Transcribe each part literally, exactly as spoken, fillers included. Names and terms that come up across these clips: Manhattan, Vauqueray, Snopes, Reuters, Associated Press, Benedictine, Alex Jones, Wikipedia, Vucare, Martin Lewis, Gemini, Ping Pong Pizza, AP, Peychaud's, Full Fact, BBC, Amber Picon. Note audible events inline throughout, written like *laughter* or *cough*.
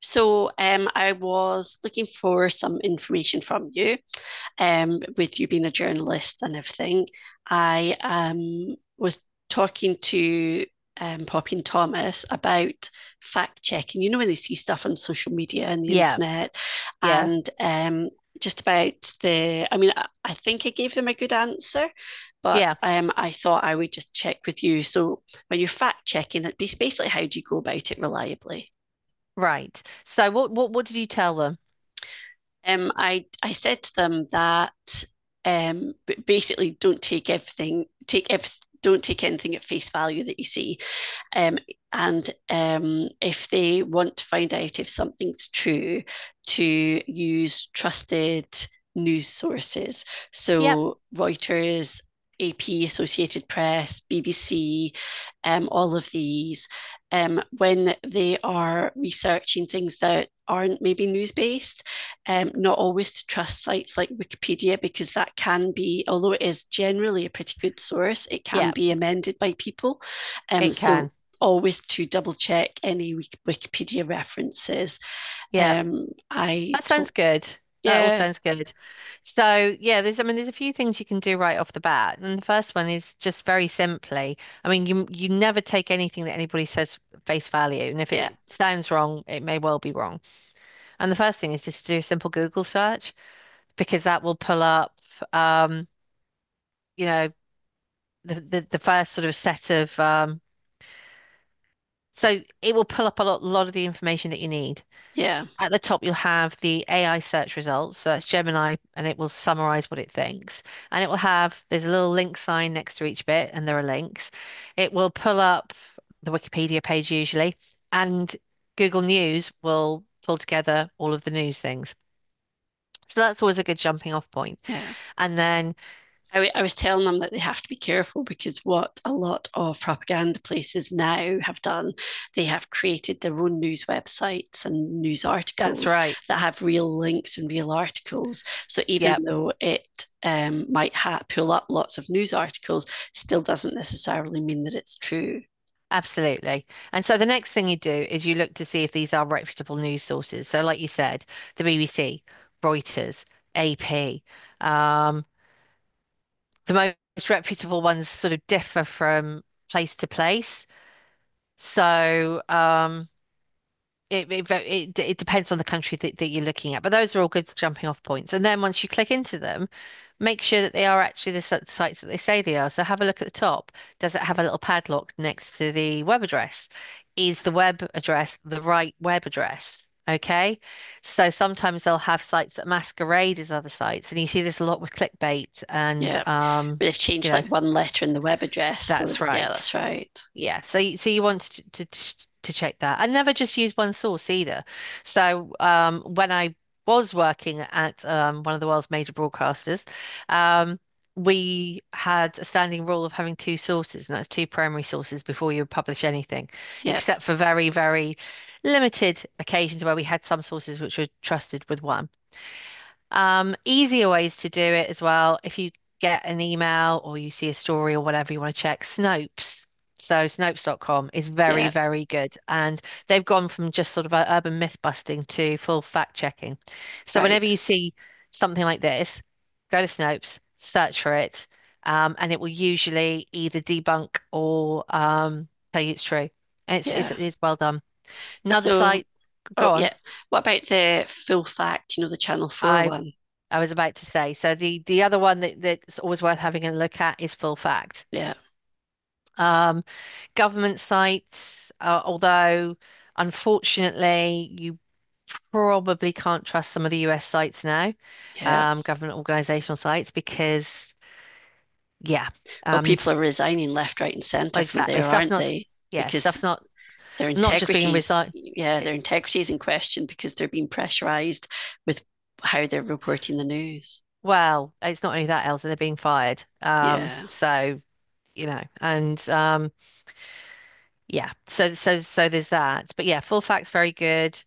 So um, I was looking for some information from you, um, with you being a journalist and everything. I um, was talking to um, Poppy and Thomas about fact checking. You know, when they see stuff on social media and the Yeah, internet, yeah, and um, just about the, I mean, I, I think I gave them a good answer, but yeah, um, I thought I would just check with you. So when you're fact checking, it's basically how do you go about it reliably? right. So what what what did you tell them? um, I I said to them that um, basically don't take everything take ev- don't take anything at face value that you see. Um, and um, If they want to find out if something's true, to use trusted news sources. Yep, So Reuters, A P, Associated Press, B B C, um, all of these, um, when they are researching things that aren't maybe news based, um, not always to trust sites like Wikipedia, because that can be, although it is generally a pretty good source, it can yep, be amended by people. um, it so can. always to double check any Wikipedia references. Yep. Um, I That sounds told, good. That all yeah, sounds good. So yeah, there's I mean there's a few things you can do right off the bat. And the first one is just very simply. I mean, you you never take anything that anybody says face value. And if yeah, it sounds wrong, it may well be wrong. And the first thing is just to do a simple Google search, because that will pull up um, you know, the, the, the first sort of set of um, so it will pull up a lot, lot of the information that you need. yeah, At the top, you'll have the A I search results. So that's Gemini, and it will summarize what it thinks. And it will have, there's a little link sign next to each bit, and there are links. It will pull up the Wikipedia page usually, and Google News will pull together all of the news things. So that's always a good jumping off point. yeah. I And then I was telling them that they have to be careful because what a lot of propaganda places now have done, they have created their own news websites and news that's articles right. that have real links and real articles. So even Yeah, though it um, might ha- pull up lots of news articles, still doesn't necessarily mean that it's true. absolutely. And so the next thing you do is you look to see if these are reputable news sources. So, like you said, the B B C, Reuters, A P. Um, the most reputable ones sort of differ from place to place. So, um, it, it, it, it depends on the country that, that you're looking at. But those are all good jumping off points. And then once you click into them, make sure that they are actually the si- sites that they say they are. So have a look at the top. Does it have a little padlock next to the web address? Is the web address the right web address? Okay. So sometimes they'll have sites that masquerade as other sites. And you see this a lot with clickbait and Yeah. But um, they've you changed know, like one letter in the web address. So, th- that's Yeah, that's right. right. Yeah, so y- so you want to, to ch- to check that. I never just use one source either. So um, when I was working at um, one of the world's major broadcasters, um, we had a standing rule of having two sources, and that's two primary sources before you publish anything, Yeah. except for very, very limited occasions where we had some sources which were trusted with one. Um, easier ways to do it as well. If you get an email or you see a story or whatever you want to check, Snopes. So Snopes dot com is very, Yeah. very good. And they've gone from just sort of a urban myth busting to full fact checking. So whenever Right. you see something like this, go to Snopes, search for it, um, and it will usually either debunk or um, tell you it's true. And it's, it's, Yeah. it's well done. Another So, site, oh, go on. yeah. What about the full fact, you know, the Channel four I one? I was about to say. So the the other one that, that's always worth having a look at is Full Fact. Yeah. Um, government sites, uh, although unfortunately you probably can't trust some of the U S sites now, Yeah. um, government organizational sites, because, yeah, Well, um, people are resigning left, right, and centre well, from exactly. there, Stuff's aren't not, s- they? yeah, stuff's Because not their not just being integrities, resigned. yeah, their It, integrity in question because they're being pressurised with how they're reporting the news. Well, it's not only that, Elsa, they're being fired. Um, Yeah, so you know, and um, yeah. So so so there's that. But yeah, full fact's very good.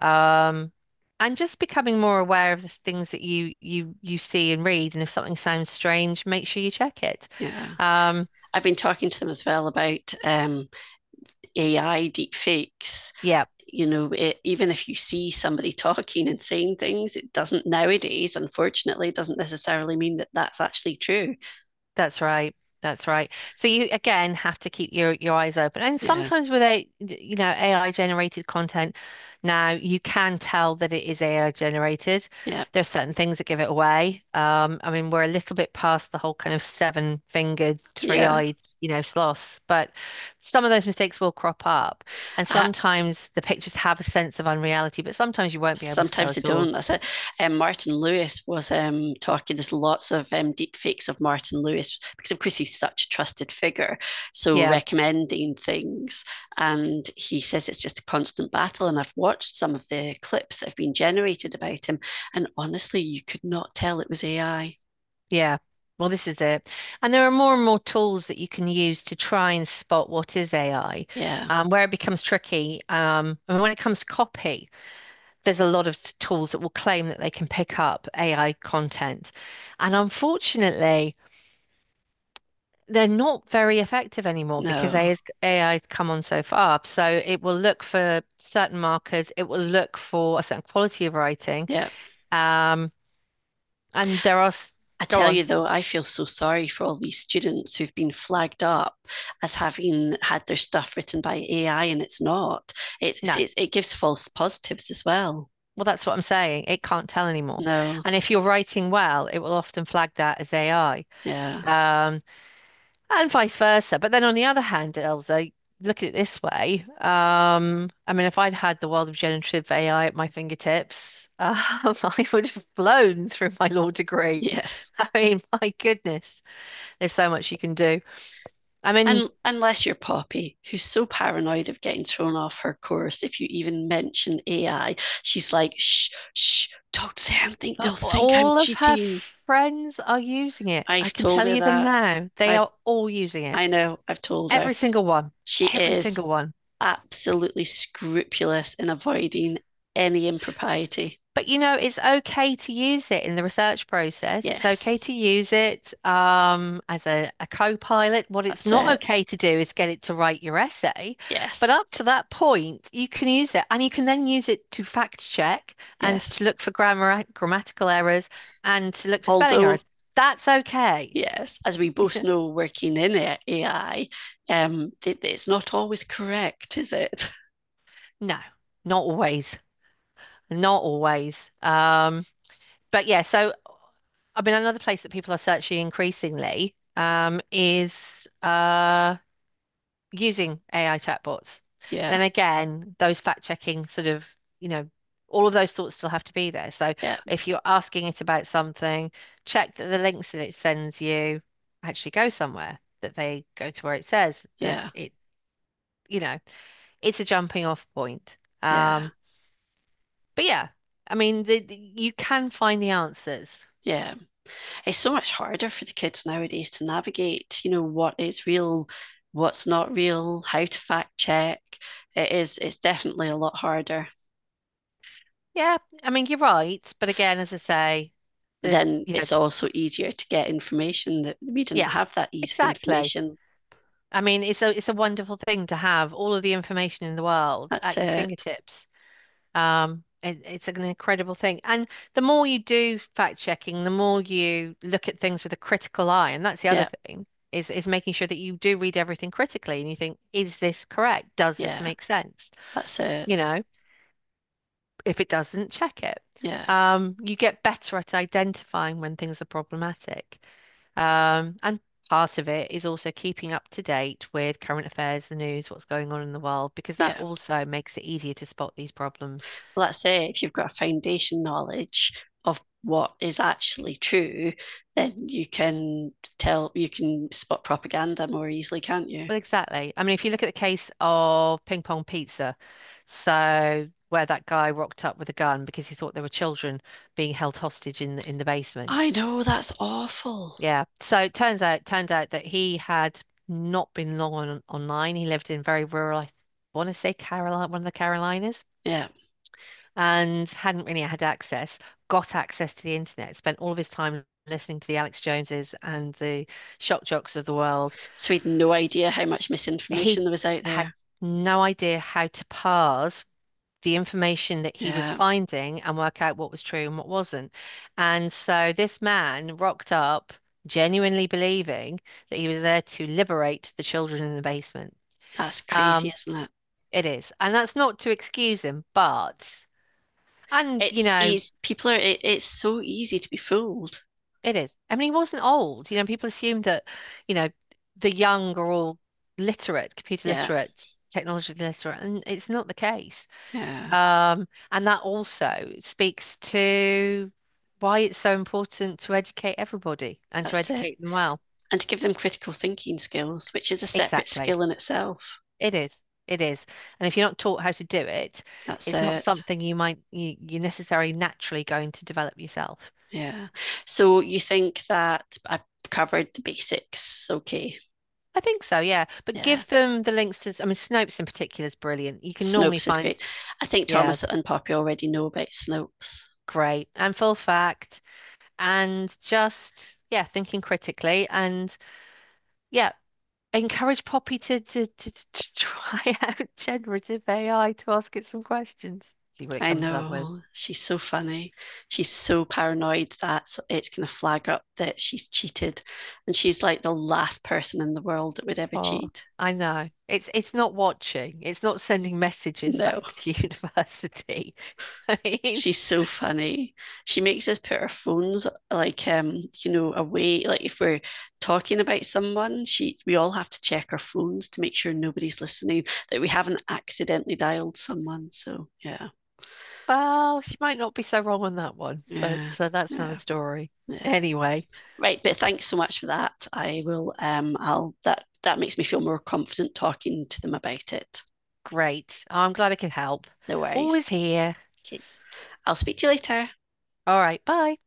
Um, and just becoming more aware of the things that you you you see and read, and if something sounds strange, make sure you check it. yeah. Um, I've been talking to them as well about um, A I deepfakes. yeah. You know, it, even if you see somebody *laughs* talking and saying things, it doesn't nowadays, unfortunately, doesn't necessarily mean that that's actually true. That's right. That's right. So you again have to keep your your eyes open. And Yeah, sometimes with a you know A I generated content now you can tell that it is A I generated. yeah, There's certain things that give it away. Um, I mean we're a little bit past the whole kind of seven fingered, three yeah. eyed, you know, sloths, but some of those mistakes will crop up. And I, sometimes the pictures have a sense of unreality, but sometimes you won't be able to tell sometimes they at all. don't. That's it. Um, Martin Lewis was um, talking. There's lots of um, deep fakes of Martin Lewis because, of course, he's such a trusted figure. So Yeah. recommending things, and he says it's just a constant battle. And I've watched some of the clips that have been generated about him, and honestly, you could not tell it was A I. Yeah. Well, this is it. And there are more and more tools that you can use to try and spot what is A I. Yeah, Um, where it becomes tricky, um, and when it comes to copy, there's a lot of t- tools that will claim that they can pick up A I content. And unfortunately, they're not very effective anymore because AI no, is, A I's come on so far. So it will look for certain markers, it will look for a certain quality of writing. yeah. Um, and there are, s- I go tell on. you though, I feel so sorry for all these students who've been flagged up as having had their stuff written by A I and it's not. It's, No. It's it gives false positives as well. Well, that's what I'm saying. It can't tell anymore. No, And if you're writing well, it will often flag that as A I, yeah, um, and vice versa. But then on the other hand, Elsa, look at it this way. Um, I mean, if I'd had the world of generative A I at my fingertips, um, *laughs* I would have blown through my law degree. yes. *laughs* I mean, my goodness, there's so much you can do. I mean, And unless you're Poppy, who's so paranoid of getting thrown off her course if you even mention A I, she's like, shh, shh, talk to Sam, think a- they'll think I'm all of her cheating. friends are using it. I I've can told tell her you them that. now. They I've are all using it. I know, I've told her. Every single one. She Every is single one. absolutely scrupulous in avoiding any impropriety. But you know, it's okay to use it in the research process. It's okay Yes, to use it um, as a, a co-pilot. What it's that's not it. okay to do is get it to write your essay. But Yes, up to that point, you can use it, and you can then use it to fact check and yes. to look for grammar grammatical errors and to look for spelling Although, errors. That's okay. *laughs* yes, as we both know, working in A I, um, it, it's not always correct, is it? *laughs* No, not always. Not always. Um, but yeah, so I mean, another place that people are searching increasingly um, is uh, using A I chatbots. Yeah, And again, those fact checking sort of, you know, all of those thoughts still have to be there. So yeah, if you're asking it about something, check that the links that it sends you actually go somewhere, that they go to where it says that yeah, it. You know, it's a jumping off point. yeah. Um, but yeah, I mean, the, the- you can find the answers. Yeah, it's so much harder for the kids nowadays to navigate, you know, what is real, what's not real, how to fact check. It is, it's definitely a lot harder. Yeah, I mean you're right, but again, as I say, But the then you know, it's also easier to get information that we didn't yeah, have that ease of exactly. information. I mean, it's a it's a wonderful thing to have all of the information in the world That's at your it. fingertips. Um, it, it's an incredible thing, and the more you do fact checking, the more you look at things with a critical eye, and that's the other Yeah, thing is is making sure that you do read everything critically, and you think, is this correct? Does this yeah, make sense? that's You it. know. If it doesn't, check it. Yeah, Um, you get better at identifying when things are problematic. Um, and part of it is also keeping up to date with current affairs, the news, what's going on in the world, because that yeah. also makes it easier to spot these problems. Well, that's it. If you've got a foundation knowledge of what is actually true, then you can tell, you can spot propaganda more easily, can't you? Well, exactly. I mean, if you look at the case of Ping Pong Pizza, so where that guy rocked up with a gun because he thought there were children being held hostage in the, in the basement. I know, that's awful. Yeah. So it turns out turns out that he had not been long on online. He lived in very rural, I want to say Carolina, one of the Carolinas, Yeah. and hadn't really had access, got access to the internet, spent all of his time listening to the Alex Joneses and the shock jocks of the world. So we had no idea how much He misinformation there was out had there. no idea how to parse the information that he was Yeah. finding and work out what was true and what wasn't. And so this man rocked up, genuinely believing that he was there to liberate the children in the basement. That's crazy, Um, isn't it? it is. And that's not to excuse him, but, and, you It's know, easy. People are, it, it's so easy to be fooled. it is. I mean, he wasn't old. You know, people assume that, you know, the young are all literate, computer Yeah, literate, technology literate, and it's not the case. yeah, Um, and that also speaks to why it's so important to educate everybody and to that's it. educate them well. And to give them critical thinking skills, which is a separate Exactly. skill in itself. It is. It is. And if you're not taught how to do it, That's it's not it. something you might you, you're necessarily naturally going to develop yourself. Yeah. So you think that I covered the basics? Okay. I think so, yeah. But Yeah. give them the links to, I mean, Snopes in particular is brilliant. You can normally Snopes is find, great. I think yeah, Thomas and Poppy already know about Snopes. great and full fact and just, yeah, thinking critically and yeah. Encourage Poppy to, to, to, to *laughs* try out generative A I to ask it some questions, see what it I comes up with. know. She's so funny. She's so paranoid that it's going to flag up that she's cheated. And she's like the last person in the world that would ever Oh, cheat. I know. It's it's not watching. It's not sending messages No. back to the *laughs* university. I mean, She's so funny. She makes us put our phones like um, you know, away. Like if we're talking about someone, she we all have to check our phones to make sure nobody's listening, that we haven't accidentally dialed someone. So yeah, well, she might not be so wrong on that one, but yeah, so that's another yeah, story. yeah. Anyway, Right, but thanks so much for that. I will um I'll that that makes me feel more confident talking to them about it. great. I'm glad I could help. No worries. Always here. Okay. I'll speak to you later. All right, bye.